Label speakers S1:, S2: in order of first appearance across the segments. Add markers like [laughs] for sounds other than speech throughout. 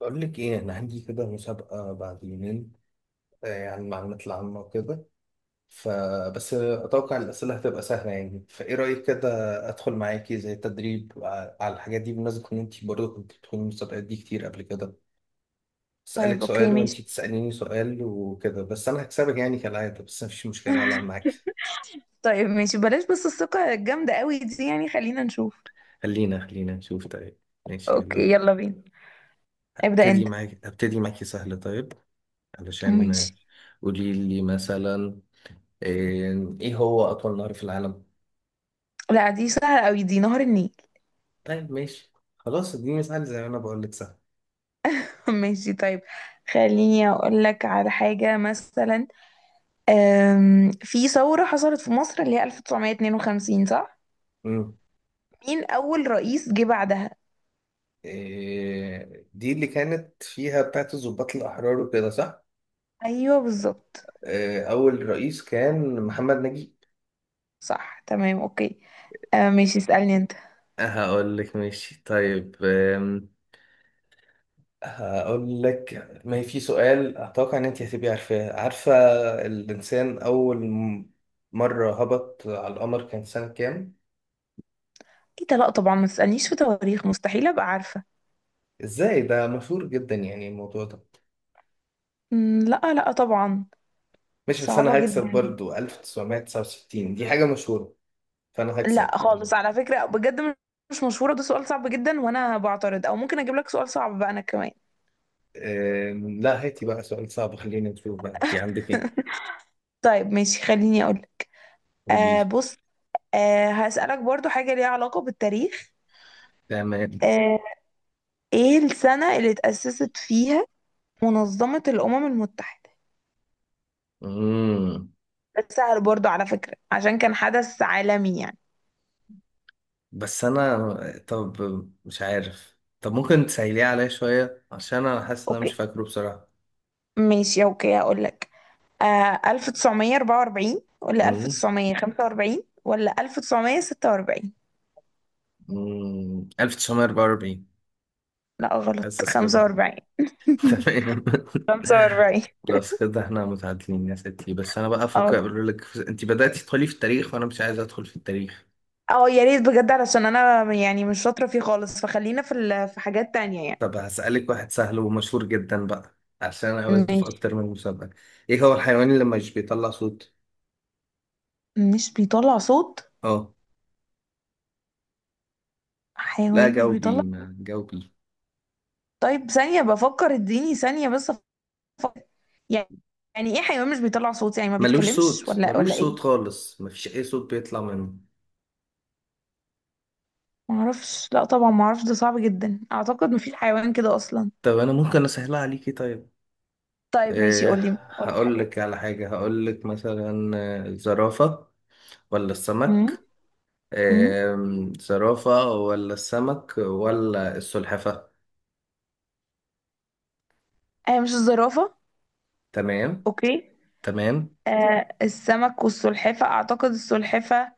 S1: بقول لك ايه انا عندي كده مسابقة بعد يومين. آه، يعني المعلومات العامة وكده. فبس اتوقع الاسئلة هتبقى سهلة يعني فايه رأيك كده؟ ادخل معاكي زي تدريب على الحاجات دي بمناسبة ان انت برضه كنت بتدخلي المسابقات دي كتير قبل كده.
S2: طيب
S1: اسالك
S2: اوكي
S1: سؤال وانت
S2: ماشي.
S1: تساليني سؤال وكده، بس انا هكسبك يعني كالعادة، بس مفيش مشكلة هلعب معاكي.
S2: طيب ماشي بلاش، بس الثقة الجامدة قوي دي يعني خلينا نشوف.
S1: خلينا نشوف طيب. ماشي
S2: اوكي
S1: يلا.
S2: يلا بينا. ابدأ
S1: هبتدي
S2: انت.
S1: معاكي هبتدي معاكي سهل طيب. علشان
S2: ماشي.
S1: قولي لي مثلا إيه، هو أطول نهر في العالم؟
S2: لا دي سهلة قوي، دي نهر النيل.
S1: طيب ماشي. خلاص دي مثال زي ما أنا بقول لك سهل.
S2: [laughs] ماشي طيب، خليني اقول لك على حاجة مثلا. في ثورة حصلت في مصر اللي هي 1952، صح؟
S1: مم.
S2: مين اول رئيس جه بعدها؟
S1: إيه دي اللي كانت فيها بتاعت الضباط الأحرار وكده صح؟
S2: ايوه بالظبط.
S1: إيه، أول رئيس كان محمد نجيب.
S2: صح تمام اوكي. ماشي اسألني انت.
S1: هقول لك ماشي طيب. هقول لك، ما هي في سؤال أتوقع إن أنت هتبقي عارفاه، عارفة الإنسان أول مرة هبط على القمر كان سنة كام؟
S2: ايه ده، لا طبعا ما تسألنيش في تواريخ، مستحيل ابقى عارفة.
S1: إزاي ده مشهور جدا يعني الموضوع ده.
S2: لا طبعا.
S1: ماشي بس انا
S2: صعبة
S1: هكسب
S2: جدا.
S1: برضو، 1969 دي حاجة مشهورة. فانا هكسب.
S2: لا خالص على فكرة بجد. مش مشهورة، ده سؤال صعب جدا وانا بعترض، او ممكن اجيب لك سؤال صعب بقى انا كمان.
S1: لا هاتي بقى سؤال صعب خلينا نشوف بقى انت عندك ايه.
S2: طيب ماشي خليني اقول.
S1: قولي
S2: آه
S1: لي.
S2: بص. آه هسألك برضو حاجة ليها علاقة بالتاريخ.
S1: تمام.
S2: آه، ايه السنة اللي اتأسست فيها منظمة الأمم المتحدة؟
S1: امم.
S2: ده سهل برضو على فكرة عشان كان حدث عالمي يعني.
S1: بس انا. طب مش عارف، طب ممكن تسهليه عليا شوية عشان انا حاسس ان انا مش
S2: اوكي.
S1: فاكره بصراحة.
S2: ماشي اوكي هقول لك. آه، 1944 ولا
S1: امم.
S2: 1945 ولا 1946؟
S1: 1944.
S2: لا غلط،
S1: حاسس كده.
S2: 45. [laughs]
S1: تمام.
S2: 45.
S1: خلاص كده احنا متعادلين يا ستي، بس انا بقى افكر
S2: اه.
S1: اقول لك، انت بدأتي تدخلي في التاريخ وانا مش عايز ادخل في التاريخ.
S2: اه يا ريت بجد، علشان انا يعني مش شاطرة فيه خالص، فخلينا في في حاجات تانية يعني.
S1: طب هسألك واحد سهل ومشهور جدا بقى عشان انا قابلته في
S2: ماشي.
S1: اكتر من مسابقة. ايه هو الحيوان اللي مش بيطلع صوت؟
S2: مش بيطلع صوت.
S1: اه. لا
S2: حيوان مش
S1: جاوبي،
S2: بيطلع صوت؟
S1: ما جاوبي.
S2: طيب ثانية بفكر، اديني ثانية بس أفكر. يعني، يعني ايه حيوان مش بيطلع صوت؟ يعني ما
S1: ملوش
S2: بيتكلمش
S1: صوت،
S2: ولا
S1: ملوش
S2: ولا
S1: صوت
S2: ايه؟
S1: خالص، مفيش اي صوت بيطلع منه.
S2: معرفش، لا طبعا معرفش، ده صعب جدا، اعتقد مفيش حيوان كده اصلا.
S1: طب انا ممكن اسهلها عليكي طيب.
S2: طيب ماشي،
S1: إيه،
S2: قولي قولي
S1: هقول
S2: حاجات.
S1: لك على حاجة، هقول لك مثلا الزرافة ولا
S2: امم.
S1: السمك.
S2: امم.
S1: زرافة ولا السمك ولا السلحفة.
S2: آه مش الزرافة.
S1: تمام.
S2: اوكي.
S1: تمام.
S2: آه السمك والسلحفة، اعتقد السلحفة.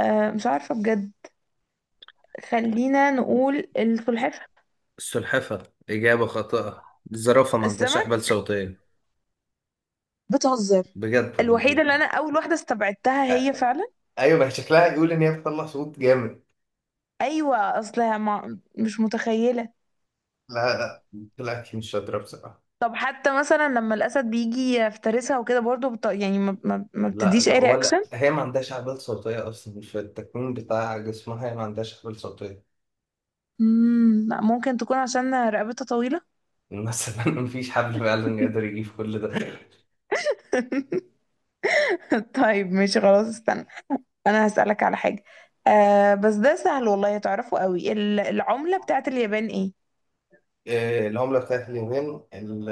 S2: آه مش عارفة بجد. خلينا نقول السلحفاة.
S1: السلحفة إجابة خاطئة، الزرافة ما عندهاش
S2: السمك؟
S1: أحبال صوتية.
S2: بتهزر.
S1: بجد
S2: الوحيدة اللي
S1: والله.
S2: أنا أول واحدة استبعدتها هي
S1: آه،
S2: فعلا.
S1: أيوة ما هي شكلها يقول إن هي بتطلع صوت جامد.
S2: أيوة أصلها ما مش متخيلة.
S1: لا لا. طلعت مش شاطرة بصراحة.
S2: طب حتى مثلا لما الأسد بيجي يفترسها وكده برضه يعني ما
S1: لا
S2: بتديش
S1: لا،
S2: أي
S1: ولا
S2: رياكشن؟
S1: هي ما عندهاش أحبال صوتية أصلا، في التكوين بتاع جسمها هي ما عندهاش أحبال صوتية.
S2: لا، ممكن تكون عشان رقبتها طويلة.
S1: مثلا [laughs] مفيش حبل فعلا يقدر يجيب كل ده.
S2: [laughs] طيب ماشي خلاص استنى. أنا هسألك على حاجة. آه بس ده سهل والله تعرفه قوي، العملة بتاعت اليابان إيه؟
S1: آه، العملة بتاعت اليابان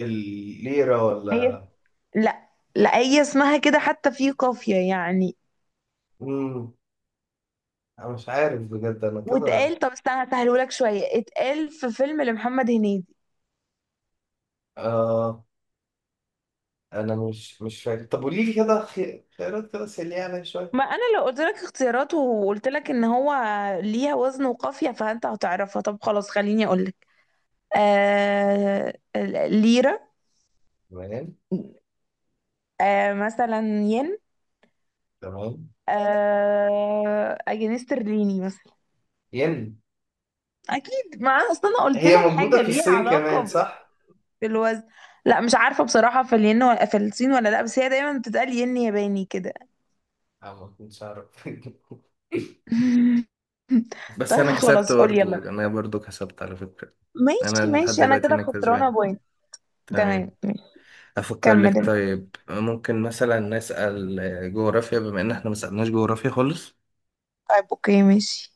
S1: الليرة
S2: هي.
S1: ولا؟
S2: لا. لا هي اسمها كده حتى في قافية يعني.
S1: مم. أنا مش عارف بجد، أنا كده
S2: واتقال، طب استنى هسهلهولك شوية، اتقال في فيلم لمحمد هنيدي.
S1: آه. أنا مش فاكر، طب قولي لي كده خيارات كده سريعة عليا شوية.
S2: ما انا لو قلت لك اختيارات وقلت لك ان هو ليها وزن وقافية فانت هتعرفها. طب خلاص خليني اقول لك. آه... ليرة.
S1: تمام.
S2: آه... مثلا ين.
S1: تمام.
S2: آه... جنيه استرليني مثلا.
S1: ين.
S2: اكيد، ما انا اصلا قلت
S1: هي
S2: لك حاجة
S1: موجودة في
S2: ليها
S1: الصين كمان
S2: علاقة
S1: صح؟
S2: في الوزن. لا مش عارفة بصراحة في الين ولا في الصين ولا لا، بس هي دايما بتتقال ين ياباني كده.
S1: أنا ما كنتش أعرف [laughs]
S2: [laughs]
S1: بس
S2: طيب
S1: انا كسبت
S2: خلاص قول يلا.
S1: برضو، انا برضو كسبت على فكرة. انا
S2: ماشي
S1: لحد
S2: ماشي انا
S1: دلوقتي
S2: كده
S1: انا
S2: خسرانة
S1: كسبان.
S2: بوينت. تمام
S1: تمام.
S2: ماشي.
S1: افكر
S2: كمل
S1: لك
S2: انت.
S1: طيب، ممكن مثلا نسأل آه، جغرافيا بما ان احنا ما سألناش جغرافيا خالص.
S2: طيب اوكي ماشي.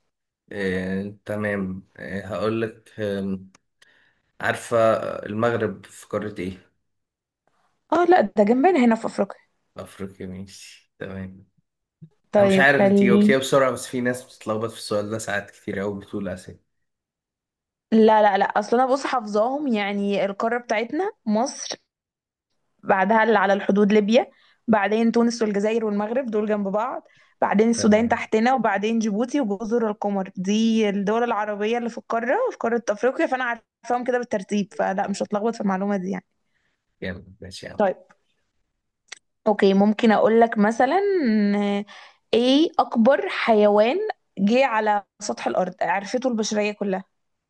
S1: آه، تمام آه، هقول لك، عارفة المغرب في قارة ايه؟
S2: اه لا ده جنبنا هنا في افريقيا.
S1: افريقيا ماشي تمام. انا مش
S2: طيب
S1: عارف، انت
S2: خليه.
S1: جاوبتيها بسرعة، بس في ناس بتتلخبط في السؤال ده ساعات كتير قوي بتقول اسيا.
S2: لا لا لا، اصل انا بص حافظاهم، يعني القارة بتاعتنا مصر، بعدها اللي على الحدود ليبيا، بعدين تونس والجزائر والمغرب دول جنب بعض، بعدين السودان
S1: تمام
S2: تحتنا، وبعدين جيبوتي وجزر القمر، دي الدول العربية اللي في القارة، في قارة أفريقيا، فأنا عارفاهم كده بالترتيب فلا مش هتلخبط في المعلومة دي يعني.
S1: جامد، ماشي يا عم.
S2: طيب أوكي ممكن أقول لك مثلا. آه، إيه أكبر حيوان جه على سطح الأرض عرفته البشرية كلها؟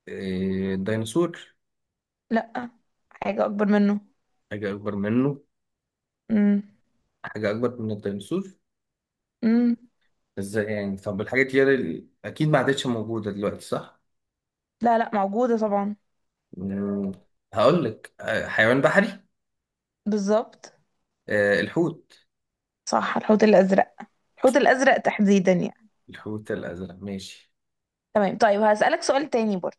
S1: إيه، الديناصور.
S2: لا، حاجة أكبر منه.
S1: حاجة اكبر منه.
S2: امم.
S1: حاجة اكبر من الديناصور.
S2: امم.
S1: ازاي يعني؟ طب الحاجات دي اللي اكيد ما عادتش موجودة دلوقتي صح؟
S2: لا لا موجودة طبعا.
S1: مم، هقول لك آه، حيوان بحري.
S2: بالظبط.
S1: آه، الحوت.
S2: صح الحوت الأزرق. الحوت الأزرق تحديدا يعني.
S1: الحوت الازرق ماشي.
S2: تمام طيب هسألك سؤال تاني برضه.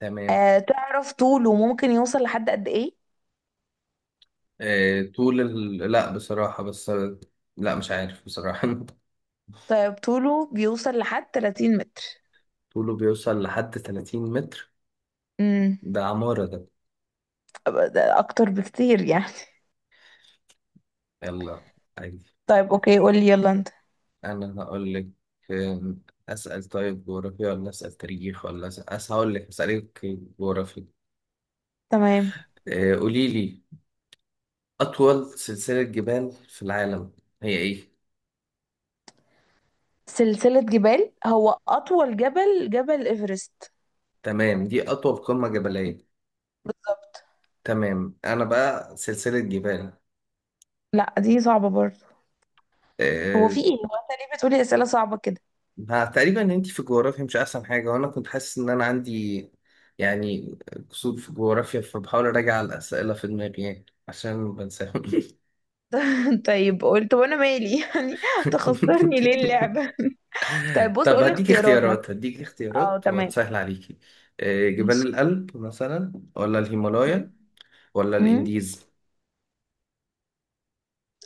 S1: تمام.
S2: أه تعرف طوله ممكن يوصل لحد قد إيه؟
S1: آه، طول ال... لا بصراحة بس. لا مش عارف بصراحة [laughs]
S2: طيب طوله بيوصل لحد 30 متر.
S1: طوله بيوصل لحد 30 متر؟
S2: امم.
S1: ده عمارة ده.
S2: ده أكتر بكتير يعني.
S1: يلا عادي.
S2: [laughs] طيب أوكي قولي يلا أنت.
S1: أنا هقول لك. آم، أسأل طيب جغرافيا، ولا أسأل تاريخ، ولا أسأل هقول لك أسألك جغرافيا.
S2: تمام.
S1: آه، قولي لي أطول سلسلة جبال في العالم هي إيه؟
S2: سلسلة جبال. هو أطول جبل جبل إيفرست.
S1: تمام دي أطول قمة جبلية.
S2: بالظبط.
S1: تمام، أنا بقى سلسلة جبال.
S2: لا دي صعبة برضه. هو
S1: آه،
S2: في إيه؟ هو أنت ليه بتقولي أسئلة صعبة كده؟
S1: ما تقريبا ان انت في الجغرافيا مش احسن حاجه، وانا كنت حاسس ان انا عندي يعني قصور في الجغرافيا، فبحاول اراجع الاسئله في دماغي يعني عشان بنساهم [laughs]
S2: [laughs] طيب قلت وأنا مالي؟ [laughs] يعني تخسرني ليه اللعبة؟ [laughs] طيب بص
S1: طب
S2: قولي
S1: هديك
S2: اختيارات مثلا.
S1: اختيارات، هديك
S2: أه
S1: اختيارات
S2: تمام.
S1: وهتسهل عليكي. آه، جبال
S2: ماشي.
S1: الألب مثلا، ولا
S2: م؟
S1: الهيمالايا، ولا
S2: امم.
S1: الانديز.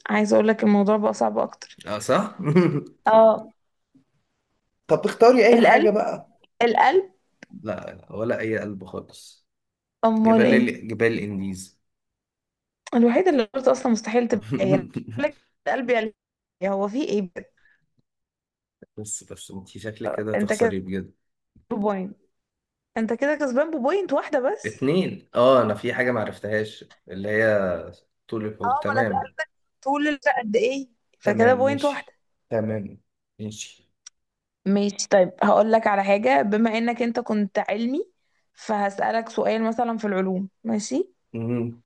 S2: عايزه اقول لك الموضوع بقى صعب اكتر.
S1: اه صح
S2: اه.
S1: [laughs] طب اختاري اي حاجة
S2: القلب.
S1: بقى.
S2: القلب.
S1: لا، ولا اي قلب خالص.
S2: امال
S1: جبال
S2: ايه؟
S1: ال... جبال الانديز.
S2: الوحيده اللي قلت اصلا مستحيل تبقى هي أنا بقول
S1: [laughs]
S2: لك القلب يعني. هو في ايه بقى؟
S1: بس انت شكلك كده
S2: انت كده
S1: هتخسري بجد.
S2: بوينت. انت كده كسبان ببوينت واحده بس.
S1: اتنين اه، انا في حاجة معرفتهاش اللي هي طول الحوض
S2: اه ما انا
S1: تمام.
S2: سألت طول الوقت قد ايه فكده
S1: تمام
S2: بوينت واحده.
S1: ماشي. تمام ماشي.
S2: ماشي طيب هقول لك على حاجه، بما انك انت كنت علمي فهسألك سؤال مثلا في العلوم، ماشي؟
S1: مم.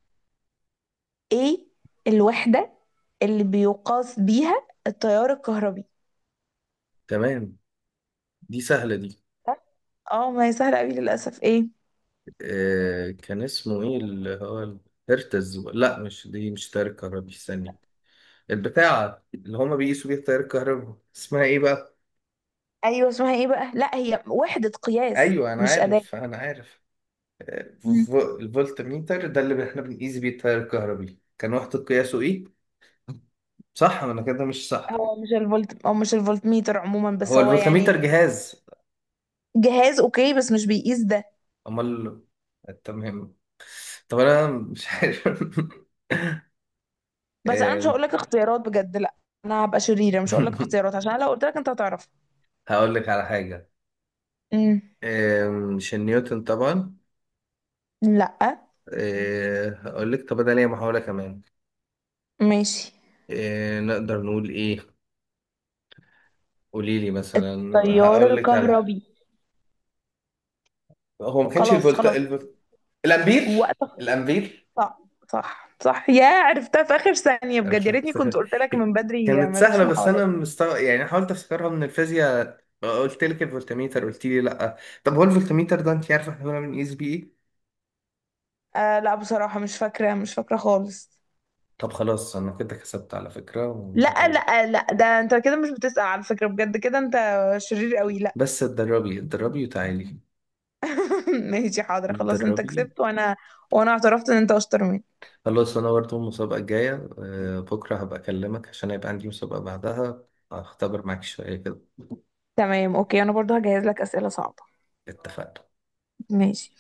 S2: ايه الوحده اللي بيقاس بيها التيار الكهربي؟
S1: تمام دي سهلة دي.
S2: اه ما هي سهلة قوي للأسف. ايه؟
S1: آه، كان اسمه ايه اللي هو الهرتز؟ لا مش دي، مش تيار الكهربي، استني. البتاعة اللي هما بيقيسوا بيها تيار الكهرباء اسمها ايه بقى؟
S2: ايوه اسمها ايه بقى؟ لا هي وحدة قياس
S1: ايوه انا
S2: مش أداة.
S1: عارف، انا عارف. آه،
S2: مم.
S1: الفولت ميتر ده اللي احنا بنقيس بيه التيار الكهربي، كان وحدة قياسه ايه؟ صح ولا كده مش صح؟
S2: هو مش الفولت او مش الفولتميتر عموما بس
S1: هو
S2: هو يعني.
S1: الفولتميتر جهاز.
S2: جهاز اوكي بس مش بيقيس ده.
S1: امال. تمام. طب انا مش عارف [laughs]
S2: بس انا مش
S1: آم،
S2: هقول لك اختيارات بجد لا. انا هبقى شريرة مش هقول لك
S1: [laughs]
S2: اختيارات عشان لو قلت لك انت هتعرف.
S1: هقول لك على حاجه.
S2: امم.
S1: مش نيوتن طبعا.
S2: لا.
S1: آه، هقول لك، طب انا ليا محاوله كمان.
S2: ماشي.
S1: آه، نقدر نقول ايه؟ قولي لي مثلا.
S2: التيار
S1: هقول لك على،
S2: الكهربي.
S1: هو ما كانش
S2: خلاص
S1: الفولت
S2: خلاص.
S1: الفولت الامبير.
S2: وقت.
S1: الامبير.
S2: صح. صح صح، يا عرفتها في آخر ثانية بجد،
S1: عرفت
S2: يا ريتني كنت
S1: افتكر.
S2: قلت لك من بدري
S1: كانت
S2: مالكش
S1: سهلة بس
S2: محاولات.
S1: أنا مستوى يعني، حاولت أفتكرها من الفيزياء، قلت لك الفولتميتر قلت لي لأ. طب هو الفولتميتر ده أنت عارفة إحنا بنعمل من إس بي إيه؟
S2: آه لا بصراحة مش فاكرة، مش فاكرة خالص.
S1: طب خلاص أنا كده كسبت على فكرة
S2: لا لا لا ده انت كده مش بتسأل على فكرة بجد، كده انت شرير قوي لا.
S1: بس اتدربي، اتدربي وتعالي.
S2: [laughs] ماشي حاضر خلاص، انت
S1: اتدربي.
S2: كسبت وانا اعترفت ان انت اشطر مني.
S1: خلاص أنا برضه المسابقة الجاية آه، بكرة هبقى أكلمك عشان هيبقى عندي مسابقة بعدها، هختبر معاك شوية كده.
S2: تمام اوكي انا برضو هجهز لك أسئلة صعبة.
S1: اتفقنا.
S2: ماشي.